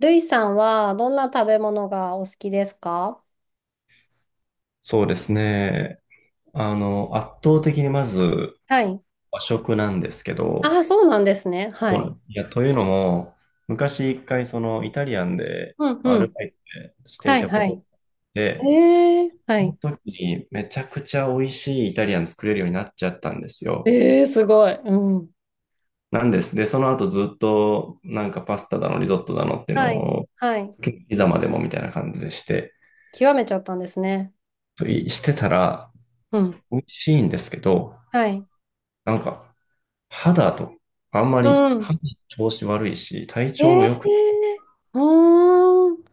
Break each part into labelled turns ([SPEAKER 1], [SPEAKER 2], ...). [SPEAKER 1] ルイさんはどんな食べ物がお好きですか？
[SPEAKER 2] そうですね。圧倒的にまず
[SPEAKER 1] はい。
[SPEAKER 2] 和食なんですけ
[SPEAKER 1] あ
[SPEAKER 2] ど、
[SPEAKER 1] あ、そうなんですね。
[SPEAKER 2] そ
[SPEAKER 1] は
[SPEAKER 2] うな
[SPEAKER 1] い。
[SPEAKER 2] んいや、というのも、昔一回そのイタリアンで
[SPEAKER 1] うん
[SPEAKER 2] まあア
[SPEAKER 1] う
[SPEAKER 2] ル
[SPEAKER 1] ん。
[SPEAKER 2] バイトして
[SPEAKER 1] は
[SPEAKER 2] い
[SPEAKER 1] い、
[SPEAKER 2] たこ
[SPEAKER 1] は
[SPEAKER 2] と
[SPEAKER 1] い。
[SPEAKER 2] で、
[SPEAKER 1] ええ、は
[SPEAKER 2] その
[SPEAKER 1] い。
[SPEAKER 2] 時にめちゃくちゃ美味しいイタリアン作れるようになっちゃったんですよ。
[SPEAKER 1] ええ、すごい。うん。
[SPEAKER 2] なんです。で、その後ずっとパスタだの、リゾットだのっていうの
[SPEAKER 1] はい、
[SPEAKER 2] を、
[SPEAKER 1] はい。
[SPEAKER 2] 時々ピザまでもみたいな感じでして、
[SPEAKER 1] 極めちゃったんですね。
[SPEAKER 2] そういしてたら
[SPEAKER 1] うん。
[SPEAKER 2] 美味しいんですけど、
[SPEAKER 1] はい。
[SPEAKER 2] なんか肌と、あんま
[SPEAKER 1] う
[SPEAKER 2] り
[SPEAKER 1] ん。
[SPEAKER 2] 肌の調子悪いし、体
[SPEAKER 1] え
[SPEAKER 2] 調も
[SPEAKER 1] え、
[SPEAKER 2] 良く
[SPEAKER 1] うーん。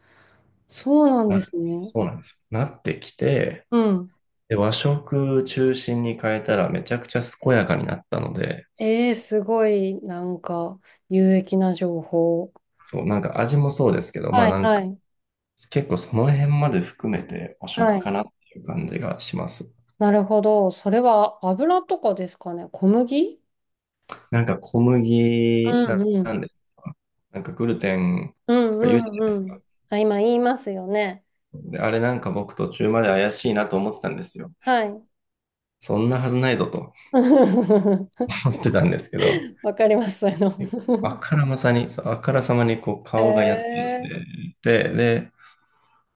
[SPEAKER 1] そうなん
[SPEAKER 2] な、
[SPEAKER 1] ですね。
[SPEAKER 2] そうなんですよ。なってきて、
[SPEAKER 1] うん。
[SPEAKER 2] で、和食中心に変えたらめちゃくちゃ健やかになったので、
[SPEAKER 1] ええ、すごい、なんか、有益な情報。
[SPEAKER 2] そう、味もそうですけど、
[SPEAKER 1] はい、はい。
[SPEAKER 2] 結構その辺まで含めて和
[SPEAKER 1] は
[SPEAKER 2] 食か
[SPEAKER 1] い。
[SPEAKER 2] なっていう感じがします。
[SPEAKER 1] なるほど。それは油とかですかね。小麦。
[SPEAKER 2] なんか小麦
[SPEAKER 1] うん
[SPEAKER 2] な、
[SPEAKER 1] うん。
[SPEAKER 2] なんですかグルテン
[SPEAKER 1] うん
[SPEAKER 2] とか言うじゃ
[SPEAKER 1] う
[SPEAKER 2] ないで
[SPEAKER 1] んう
[SPEAKER 2] すか。
[SPEAKER 1] ん。あ、今言いますよね。
[SPEAKER 2] で、あれ僕途中まで怪しいなと思ってたんですよ。
[SPEAKER 1] はい。
[SPEAKER 2] そんなはずないぞと 思ってたんですけど、
[SPEAKER 1] わかります。そういうの。
[SPEAKER 2] あからまさに、そうあからさまにこう
[SPEAKER 1] へ
[SPEAKER 2] 顔がやつれ
[SPEAKER 1] え。
[SPEAKER 2] てて、で、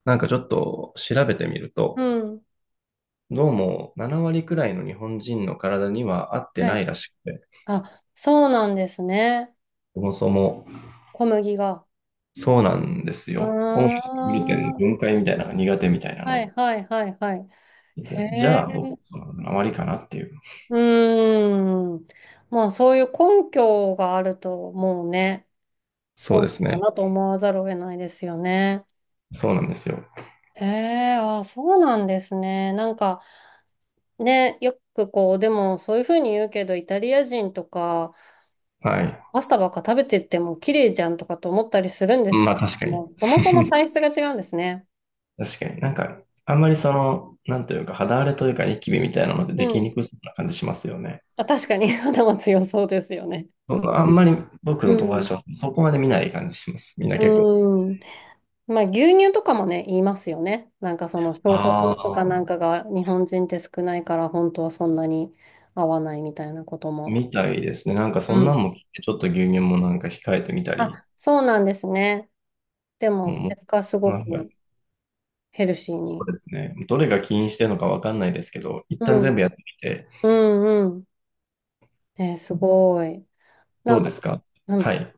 [SPEAKER 2] ちょっと調べてみる
[SPEAKER 1] う
[SPEAKER 2] と、
[SPEAKER 1] ん。
[SPEAKER 2] どうも7割くらいの日本人の体には合って
[SPEAKER 1] は
[SPEAKER 2] な
[SPEAKER 1] い。
[SPEAKER 2] いらしくて、
[SPEAKER 1] あ、そうなんですね。
[SPEAKER 2] そもそも
[SPEAKER 1] 小麦が。
[SPEAKER 2] そうなんです
[SPEAKER 1] う
[SPEAKER 2] よ。オムライス
[SPEAKER 1] ー
[SPEAKER 2] グルテンの
[SPEAKER 1] ん。
[SPEAKER 2] 分解みたいなのが苦手みたいな
[SPEAKER 1] は
[SPEAKER 2] の
[SPEAKER 1] い
[SPEAKER 2] を
[SPEAKER 1] はいはいはい。
[SPEAKER 2] 見
[SPEAKER 1] へ
[SPEAKER 2] て。じ
[SPEAKER 1] え。
[SPEAKER 2] ゃあ、僕、その7割かなっていう。
[SPEAKER 1] うーん。まあそういう根拠があるともうね、
[SPEAKER 2] そ
[SPEAKER 1] そ
[SPEAKER 2] う
[SPEAKER 1] うな
[SPEAKER 2] です
[SPEAKER 1] の
[SPEAKER 2] ね。
[SPEAKER 1] かなと思わざるを得ないですよね。
[SPEAKER 2] そうなんですよ。
[SPEAKER 1] へえ、あ、そうなんですね。なんか、ね、よくこう、でもそういうふうに言うけど、イタリア人とか、
[SPEAKER 2] はい。
[SPEAKER 1] パスタばっか食べてっても綺麗じゃんとかと思ったりするんですけ
[SPEAKER 2] まあ確か
[SPEAKER 1] ど
[SPEAKER 2] に。
[SPEAKER 1] も、そもそも 体質が違うんですね。
[SPEAKER 2] 確かに。あんまりその、なんというか、肌荒れというか、ニキビみたいなのって
[SPEAKER 1] う
[SPEAKER 2] でき
[SPEAKER 1] ん。
[SPEAKER 2] にくそうな感じしますよね。
[SPEAKER 1] あ、確かに。 頭強そうですよね。
[SPEAKER 2] あんまり僕
[SPEAKER 1] う
[SPEAKER 2] の友
[SPEAKER 1] ん。
[SPEAKER 2] 達はそこまで見ない感じします。みんな結構。
[SPEAKER 1] うん。まあ、牛乳とかもね、言いますよね。なんかその、消化法
[SPEAKER 2] あ
[SPEAKER 1] とかなん
[SPEAKER 2] あ、
[SPEAKER 1] かが日本人って少ないから、本当はそんなに合わないみたいなことも。
[SPEAKER 2] みたいですね。なんかそん
[SPEAKER 1] う
[SPEAKER 2] な
[SPEAKER 1] ん。
[SPEAKER 2] んも聞いて、ちょっと牛乳も控えてみたり、
[SPEAKER 1] あ、そうなんですね。で
[SPEAKER 2] も
[SPEAKER 1] も、
[SPEAKER 2] う、も
[SPEAKER 1] 結果す
[SPEAKER 2] う
[SPEAKER 1] ご
[SPEAKER 2] はいはい
[SPEAKER 1] くヘルシー
[SPEAKER 2] そ
[SPEAKER 1] に。
[SPEAKER 2] うですね。どれが起因してるのかわかんないですけど、一
[SPEAKER 1] う
[SPEAKER 2] 旦全
[SPEAKER 1] ん。
[SPEAKER 2] 部やってみて、
[SPEAKER 1] うんうん。え、すごい。な
[SPEAKER 2] ど
[SPEAKER 1] ん
[SPEAKER 2] う
[SPEAKER 1] か、
[SPEAKER 2] ですか？
[SPEAKER 1] うん、う
[SPEAKER 2] はい。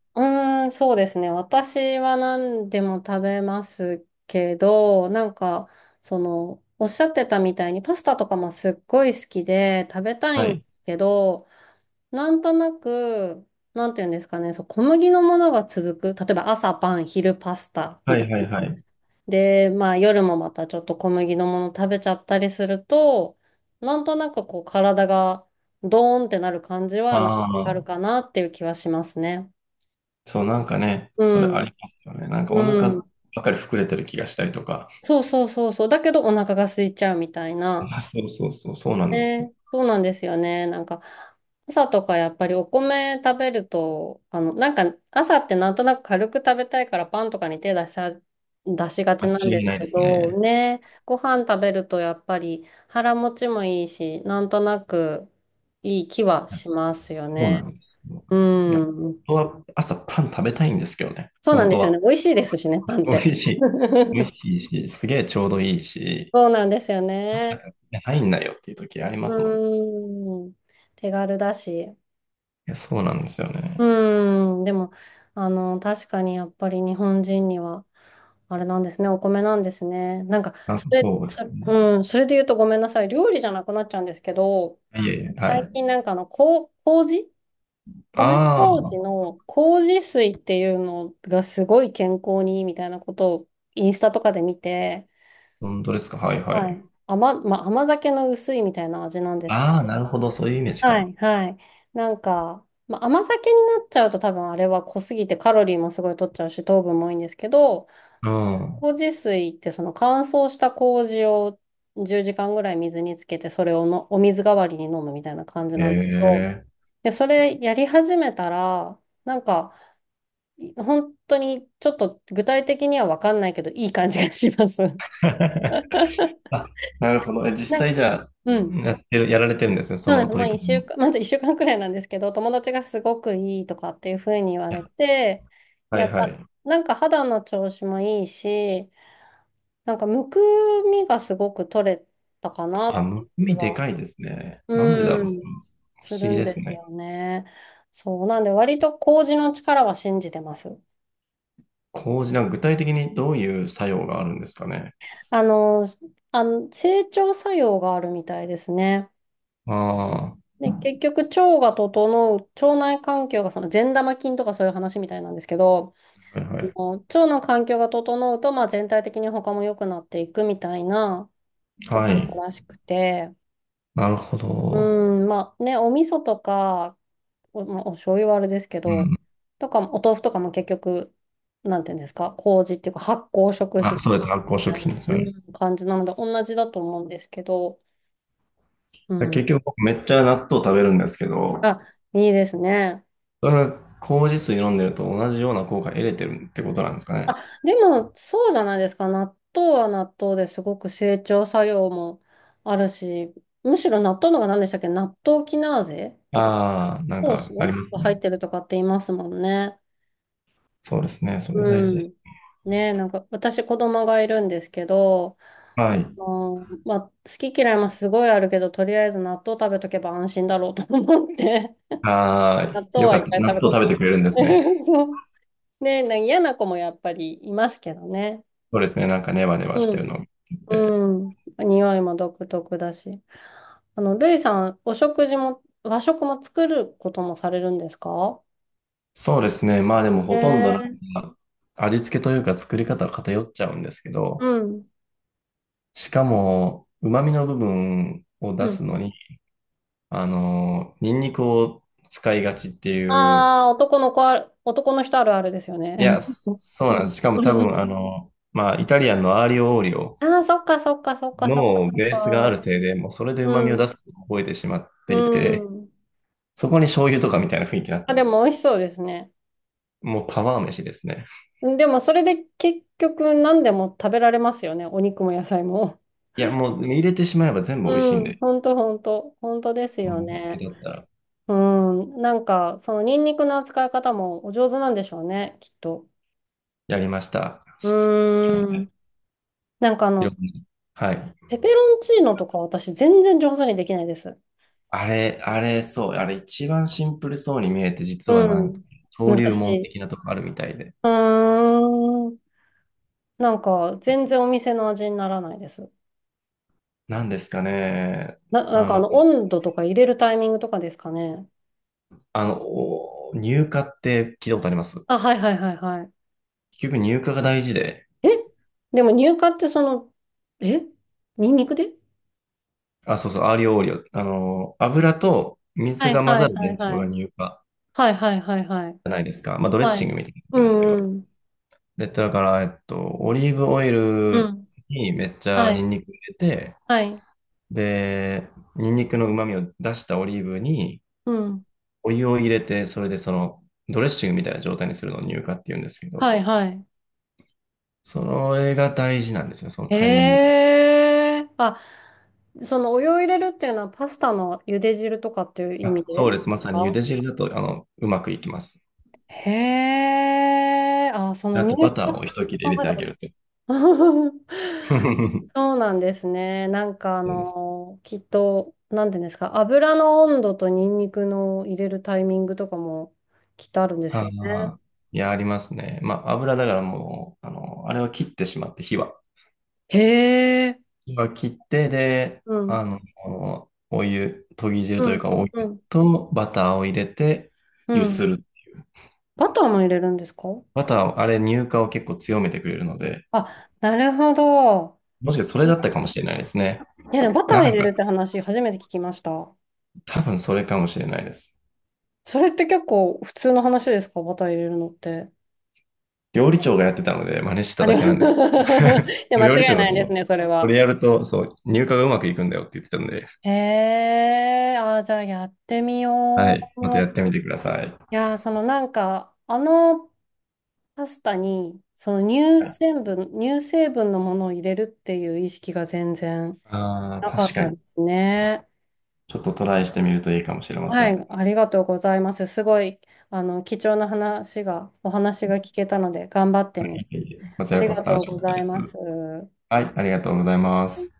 [SPEAKER 1] ーん、そうですね。私は何でも食べますけど、なんか、その、おっしゃってたみたいにパスタとかもすっごい好きで食べた
[SPEAKER 2] は
[SPEAKER 1] いんで
[SPEAKER 2] い。
[SPEAKER 1] すけど、なんとなく、なんていうんですかね、そう、小麦のものが続く。例えば朝パン、昼パスタみ
[SPEAKER 2] は
[SPEAKER 1] たい
[SPEAKER 2] い、はい、
[SPEAKER 1] な。
[SPEAKER 2] はい。
[SPEAKER 1] で、まあ夜もまたちょっと小麦のもの食べちゃったりすると、なんとなくこう体がドーンってなる感じはなんか
[SPEAKER 2] あ
[SPEAKER 1] ある
[SPEAKER 2] あ、
[SPEAKER 1] かなっていう気はしますね。
[SPEAKER 2] そう、ね、
[SPEAKER 1] う
[SPEAKER 2] それあ
[SPEAKER 1] ん。
[SPEAKER 2] りますよね。なんか
[SPEAKER 1] う
[SPEAKER 2] お腹ば
[SPEAKER 1] ん。
[SPEAKER 2] っかり膨れてる気がしたりとか。
[SPEAKER 1] そうそうそうそう。だけどお腹が空いちゃうみたいな。
[SPEAKER 2] そうなんですよ。
[SPEAKER 1] ね、そうなんですよね。なんか、朝とかやっぱりお米食べると、なんか朝ってなんとなく軽く食べたいからパンとかに手出しちゃ出しがち
[SPEAKER 2] 間
[SPEAKER 1] なん
[SPEAKER 2] 違い
[SPEAKER 1] で
[SPEAKER 2] な
[SPEAKER 1] す
[SPEAKER 2] い
[SPEAKER 1] け
[SPEAKER 2] ですね。
[SPEAKER 1] ど、ね、ご飯食べるとやっぱり腹持ちもいいし、なんとなくいい気はしますよ
[SPEAKER 2] そうな
[SPEAKER 1] ね。
[SPEAKER 2] んです。も
[SPEAKER 1] う
[SPEAKER 2] ういや
[SPEAKER 1] ん。
[SPEAKER 2] 本当は朝パン食べたいんですけどね。
[SPEAKER 1] そうなん
[SPEAKER 2] 本
[SPEAKER 1] で
[SPEAKER 2] 当
[SPEAKER 1] すよ
[SPEAKER 2] は。
[SPEAKER 1] ね。美味しいですしね、パンっ
[SPEAKER 2] 美味
[SPEAKER 1] て。
[SPEAKER 2] しい。美味 しいし、すげえちょうどいいし、
[SPEAKER 1] そうなんですよ
[SPEAKER 2] 朝か
[SPEAKER 1] ね。
[SPEAKER 2] らね入んないよっていう時ありますもん。い
[SPEAKER 1] うん。手軽だし。
[SPEAKER 2] や、そうなんですよ
[SPEAKER 1] う
[SPEAKER 2] ね。
[SPEAKER 1] ーん、でも、確かにやっぱり日本人には、あれなんですね、お米なんですね。なんか、
[SPEAKER 2] あ、
[SPEAKER 1] それ、
[SPEAKER 2] そうです
[SPEAKER 1] そ、
[SPEAKER 2] ね。
[SPEAKER 1] うん、それで言うとごめんなさい、料理じゃなくなっちゃうんですけど、
[SPEAKER 2] いえいえ、は
[SPEAKER 1] 最
[SPEAKER 2] い。
[SPEAKER 1] 近なんか麹米
[SPEAKER 2] ああ、
[SPEAKER 1] 麹の麹水っていうのがすごい健康にいいみたいなことをインスタとかで見て、
[SPEAKER 2] 本当ですか。はいは
[SPEAKER 1] は
[SPEAKER 2] い。
[SPEAKER 1] い。まあ、甘酒の薄いみたいな味なんですけ
[SPEAKER 2] ああ、
[SPEAKER 1] ど、
[SPEAKER 2] なるほど。そういうイメージ
[SPEAKER 1] は
[SPEAKER 2] か。
[SPEAKER 1] いはい。なんか、まあ、甘酒になっちゃうと多分あれは濃すぎてカロリーもすごい取っちゃうし糖分も多いんですけど、
[SPEAKER 2] うん。
[SPEAKER 1] 麹水ってその乾燥した麹を10時間ぐらい水につけてそれをのお水代わりに飲むみたいな感じ
[SPEAKER 2] へ
[SPEAKER 1] なんですけど、
[SPEAKER 2] え。
[SPEAKER 1] で、それやり始めたら、なんか本当にちょっと具体的には分かんないけどいい感じがします。
[SPEAKER 2] あ、なるほど。え実
[SPEAKER 1] なん
[SPEAKER 2] 際じゃあ、
[SPEAKER 1] うん。
[SPEAKER 2] やられてるんですね。そ
[SPEAKER 1] そうなん
[SPEAKER 2] の
[SPEAKER 1] です。も
[SPEAKER 2] 取
[SPEAKER 1] う
[SPEAKER 2] り
[SPEAKER 1] 一
[SPEAKER 2] 組み
[SPEAKER 1] 週
[SPEAKER 2] も。
[SPEAKER 1] 間、まだ一週間くらいなんですけど、友達がすごくいいとかっていうふうに言わ
[SPEAKER 2] や
[SPEAKER 1] れて、
[SPEAKER 2] は
[SPEAKER 1] やっ
[SPEAKER 2] い
[SPEAKER 1] た。
[SPEAKER 2] はい。
[SPEAKER 1] なんか肌の調子もいいし、なんかむくみがすごく取れたかなっ
[SPEAKER 2] あ、む
[SPEAKER 1] て
[SPEAKER 2] く
[SPEAKER 1] 気
[SPEAKER 2] みで
[SPEAKER 1] が、
[SPEAKER 2] かいですね。なんでだ
[SPEAKER 1] う
[SPEAKER 2] ろう。不
[SPEAKER 1] ん、す
[SPEAKER 2] 思
[SPEAKER 1] る
[SPEAKER 2] 議
[SPEAKER 1] ん
[SPEAKER 2] で
[SPEAKER 1] で
[SPEAKER 2] す
[SPEAKER 1] す
[SPEAKER 2] ね。
[SPEAKER 1] よね。そう。なんで割と麹の力は信じてます。
[SPEAKER 2] 麹、具体的にどういう作用があるんですかね？
[SPEAKER 1] あの、整腸作用があるみたいですね。
[SPEAKER 2] ああ、は
[SPEAKER 1] で、結局腸が整う、腸内環境がその善玉菌とかそういう話みたいなんですけど、
[SPEAKER 2] いはい。
[SPEAKER 1] 腸の環境が整うと、まあ、全体的に他も良くなっていくみたいなと
[SPEAKER 2] は
[SPEAKER 1] こ
[SPEAKER 2] い。
[SPEAKER 1] ろらしくて、
[SPEAKER 2] なるほ
[SPEAKER 1] う
[SPEAKER 2] ど。
[SPEAKER 1] ん、まあね、お味噌とか、まあ、お醤油はあれですけ
[SPEAKER 2] う
[SPEAKER 1] ど、
[SPEAKER 2] ん。
[SPEAKER 1] とか、お豆腐とかも結局、なんていうんですか、麹っていうか発酵食品
[SPEAKER 2] あ、
[SPEAKER 1] み
[SPEAKER 2] そうです。発酵食
[SPEAKER 1] たいな、
[SPEAKER 2] 品ですよ
[SPEAKER 1] う
[SPEAKER 2] ね。
[SPEAKER 1] ん、感じなので、同じだと思うんですけど、う
[SPEAKER 2] で
[SPEAKER 1] ん。
[SPEAKER 2] 結局僕めっちゃ納豆食べるんですけど、
[SPEAKER 1] あ、いいですね。
[SPEAKER 2] それは麹水飲んでると同じような効果得れてるってことなんですかね？
[SPEAKER 1] あ、でも、そうじゃないですか。納豆は納豆ですごく整腸作用もあるし、むしろ納豆のが何でしたっけ、納豆キナーゼとか、
[SPEAKER 2] ああ、なん
[SPEAKER 1] 酵
[SPEAKER 2] かあり
[SPEAKER 1] 素
[SPEAKER 2] ます
[SPEAKER 1] が入っ
[SPEAKER 2] ね。
[SPEAKER 1] てるとかって言いますもんね。
[SPEAKER 2] そうですね。それ大
[SPEAKER 1] う
[SPEAKER 2] 事です。
[SPEAKER 1] ん。ねえ、なんか、私子供がいるんですけど、
[SPEAKER 2] はい。
[SPEAKER 1] まあ、好き嫌いもすごいあるけど、とりあえず納豆食べとけば安心だろうと思って、
[SPEAKER 2] ああ、
[SPEAKER 1] 納豆
[SPEAKER 2] よ
[SPEAKER 1] は
[SPEAKER 2] か
[SPEAKER 1] い
[SPEAKER 2] った。
[SPEAKER 1] っぱい
[SPEAKER 2] 納
[SPEAKER 1] 食
[SPEAKER 2] 豆
[SPEAKER 1] べさせ
[SPEAKER 2] 食
[SPEAKER 1] て
[SPEAKER 2] べて
[SPEAKER 1] ま
[SPEAKER 2] くれるんですね。
[SPEAKER 1] す。そう。ねえ、なんか嫌な子もやっぱりいますけどね。
[SPEAKER 2] そうですね。なんかネバネバし
[SPEAKER 1] う
[SPEAKER 2] てる
[SPEAKER 1] ん
[SPEAKER 2] のを見て。
[SPEAKER 1] うん。匂いも独特だし。ルイさん、お食事も、和食も作ることもされるんですか？
[SPEAKER 2] そうですね。まあでも
[SPEAKER 1] え
[SPEAKER 2] ほとんど
[SPEAKER 1] ー、
[SPEAKER 2] か味付けというか作り方は偏っちゃうんですけ
[SPEAKER 1] う
[SPEAKER 2] ど、
[SPEAKER 1] ん。
[SPEAKER 2] しかも旨味の部分を出
[SPEAKER 1] う
[SPEAKER 2] す
[SPEAKER 1] ん。
[SPEAKER 2] のに、ニンニクを使いがちっていう、
[SPEAKER 1] ああ、男の人あるあるですよね。
[SPEAKER 2] いや、そう
[SPEAKER 1] う
[SPEAKER 2] なん
[SPEAKER 1] ん
[SPEAKER 2] です。しかも多
[SPEAKER 1] う
[SPEAKER 2] 分
[SPEAKER 1] ん、
[SPEAKER 2] まあイタリアンのアーリオオーリオ
[SPEAKER 1] ああー、そっかそっかそっかそっか
[SPEAKER 2] の
[SPEAKER 1] そっ
[SPEAKER 2] ベースがある
[SPEAKER 1] か。
[SPEAKER 2] せいで、もうそれで旨味
[SPEAKER 1] う
[SPEAKER 2] を出
[SPEAKER 1] ん。
[SPEAKER 2] すことを覚えてしまっ
[SPEAKER 1] う
[SPEAKER 2] ていて、
[SPEAKER 1] ん。
[SPEAKER 2] そこに醤油とかみたいな雰囲気になっ
[SPEAKER 1] あ、
[SPEAKER 2] て
[SPEAKER 1] で
[SPEAKER 2] ま
[SPEAKER 1] も
[SPEAKER 2] す。
[SPEAKER 1] 美味しそうですね。
[SPEAKER 2] もうパワー飯ですね。
[SPEAKER 1] でもそれで結局何でも食べられますよね。お肉も野菜も。
[SPEAKER 2] いや、もう入れてしまえば全部美味しい
[SPEAKER 1] う
[SPEAKER 2] ん
[SPEAKER 1] ん。
[SPEAKER 2] で、
[SPEAKER 1] ほんとほんと。ほんとです
[SPEAKER 2] も
[SPEAKER 1] よ
[SPEAKER 2] う味付け
[SPEAKER 1] ね。
[SPEAKER 2] だったら。
[SPEAKER 1] うん、なんか、そのニンニクの扱い方もお上手なんでしょうね、きっと。
[SPEAKER 2] やりました。
[SPEAKER 1] うーん。なんか
[SPEAKER 2] いろんな。はい。
[SPEAKER 1] ペペロンチーノとか私全然上手にできないです。
[SPEAKER 2] あれ、あれ、そう。あれ一番シンプルそうに見えて、実は
[SPEAKER 1] う
[SPEAKER 2] なんか、
[SPEAKER 1] ん。
[SPEAKER 2] 登
[SPEAKER 1] 難
[SPEAKER 2] 竜
[SPEAKER 1] し
[SPEAKER 2] 門
[SPEAKER 1] い。う
[SPEAKER 2] 的なとこあるみたいで。
[SPEAKER 1] ーん。なんか、全然お店の味にならないです。
[SPEAKER 2] なんですかね。
[SPEAKER 1] な、なん
[SPEAKER 2] あ
[SPEAKER 1] か
[SPEAKER 2] の、
[SPEAKER 1] 温度とか入れるタイミングとかですかね。
[SPEAKER 2] あの、お入荷って聞いたことあります？
[SPEAKER 1] あ、はいはいはいはい。
[SPEAKER 2] 結局入荷が大事で、
[SPEAKER 1] えでも乳化ってその、えニンニクで、
[SPEAKER 2] あ、そうそう、アーリオオーリオ。あの、油と
[SPEAKER 1] は
[SPEAKER 2] 水
[SPEAKER 1] い
[SPEAKER 2] が混
[SPEAKER 1] は
[SPEAKER 2] ざ
[SPEAKER 1] い
[SPEAKER 2] る
[SPEAKER 1] はい
[SPEAKER 2] 現象
[SPEAKER 1] は
[SPEAKER 2] が
[SPEAKER 1] い。
[SPEAKER 2] 入荷じ
[SPEAKER 1] はいはいはいはい。
[SPEAKER 2] ゃないですか。まあ、ドレッ
[SPEAKER 1] は
[SPEAKER 2] シング
[SPEAKER 1] い。
[SPEAKER 2] みたいなこ
[SPEAKER 1] う
[SPEAKER 2] とですけ
[SPEAKER 1] ん
[SPEAKER 2] ど。
[SPEAKER 1] うん。
[SPEAKER 2] で、だから、オリーブオイ
[SPEAKER 1] う
[SPEAKER 2] ル
[SPEAKER 1] ん、
[SPEAKER 2] にめっちゃ
[SPEAKER 1] は
[SPEAKER 2] ニ
[SPEAKER 1] い、
[SPEAKER 2] ンニク入れて、
[SPEAKER 1] はい、
[SPEAKER 2] で、ニンニクの旨味を出したオリーブに
[SPEAKER 1] うん、
[SPEAKER 2] お湯を入れて、それでそのドレッシングみたいな状態にするのを乳化って言うんですけど、
[SPEAKER 1] はい、はい。
[SPEAKER 2] それが大事なんですよ、そのタイミング。
[SPEAKER 1] へえ、あ、そのお湯を入れるっていうのはパスタの茹で汁とかっていう意
[SPEAKER 2] あ、
[SPEAKER 1] 味
[SPEAKER 2] そう
[SPEAKER 1] で？
[SPEAKER 2] です。まさに茹で汁だと、あの、うまくいきます。
[SPEAKER 1] へえ、あ、その
[SPEAKER 2] あ
[SPEAKER 1] 入
[SPEAKER 2] とバター
[SPEAKER 1] 管
[SPEAKER 2] を一切れ入れ
[SPEAKER 1] 考え
[SPEAKER 2] て
[SPEAKER 1] た
[SPEAKER 2] あ
[SPEAKER 1] こ
[SPEAKER 2] げ
[SPEAKER 1] と。
[SPEAKER 2] ると。そ う
[SPEAKER 1] そうなんですね。なんか
[SPEAKER 2] です。
[SPEAKER 1] きっと、なんていうんですか、油の温度とニンニクの入れるタイミングとかもきっとあるんです
[SPEAKER 2] あ
[SPEAKER 1] よね。
[SPEAKER 2] あ、いや、ありますね。まあ、油だからもう、あの、あれは切ってしまって、火は。
[SPEAKER 1] へえ、
[SPEAKER 2] 今切って、で、
[SPEAKER 1] うん、
[SPEAKER 2] あの、とぎ汁
[SPEAKER 1] う
[SPEAKER 2] という
[SPEAKER 1] ん、
[SPEAKER 2] か、お湯
[SPEAKER 1] うん、
[SPEAKER 2] とバターを入れて、
[SPEAKER 1] う
[SPEAKER 2] 揺す
[SPEAKER 1] ん。
[SPEAKER 2] る。
[SPEAKER 1] バターも入れるんですか？
[SPEAKER 2] バターを、あれ、乳化を結構強めてくれるので、
[SPEAKER 1] あ、なるほど。
[SPEAKER 2] もしかしてそれだったかもしれないですね。
[SPEAKER 1] いや、でもバター
[SPEAKER 2] な
[SPEAKER 1] 入
[SPEAKER 2] ん
[SPEAKER 1] れ
[SPEAKER 2] か、
[SPEAKER 1] るって話、初めて聞きました。
[SPEAKER 2] 多分それかもしれないです。
[SPEAKER 1] それって結構普通の話ですか？バター入れるのって。
[SPEAKER 2] 料理長がやってたので、真似して
[SPEAKER 1] あ
[SPEAKER 2] た
[SPEAKER 1] り
[SPEAKER 2] だ
[SPEAKER 1] ま
[SPEAKER 2] け
[SPEAKER 1] す。い
[SPEAKER 2] なんです。
[SPEAKER 1] や、間違
[SPEAKER 2] 料理
[SPEAKER 1] い
[SPEAKER 2] 長が
[SPEAKER 1] ない
[SPEAKER 2] そ
[SPEAKER 1] で
[SPEAKER 2] の、
[SPEAKER 1] すね、それ
[SPEAKER 2] こ
[SPEAKER 1] は。
[SPEAKER 2] れやると、そう、乳化がうまくいくんだよって言ってたんで、
[SPEAKER 1] へえ、あー、じゃあやってみ
[SPEAKER 2] は
[SPEAKER 1] よ
[SPEAKER 2] い、またやって
[SPEAKER 1] う。
[SPEAKER 2] みてください。
[SPEAKER 1] いやー、そのなんか、パスタに、その乳成分のものを入れるっていう意識が全然
[SPEAKER 2] ああ、
[SPEAKER 1] なか
[SPEAKER 2] 確
[SPEAKER 1] っ
[SPEAKER 2] か
[SPEAKER 1] たで
[SPEAKER 2] に。
[SPEAKER 1] すね。
[SPEAKER 2] ちょっとトライしてみるといいかもしれませ
[SPEAKER 1] は
[SPEAKER 2] ん。
[SPEAKER 1] い、ありがとうございます。すごい、あの、貴重な話が、お話が聞けたので、頑張ってみます。
[SPEAKER 2] こち
[SPEAKER 1] あ
[SPEAKER 2] ら
[SPEAKER 1] り
[SPEAKER 2] こそ
[SPEAKER 1] が
[SPEAKER 2] 楽
[SPEAKER 1] とう
[SPEAKER 2] しかっ
[SPEAKER 1] ご
[SPEAKER 2] た
[SPEAKER 1] ざ
[SPEAKER 2] で
[SPEAKER 1] い
[SPEAKER 2] す。
[SPEAKER 1] ます。
[SPEAKER 2] はい、ありがとうございます。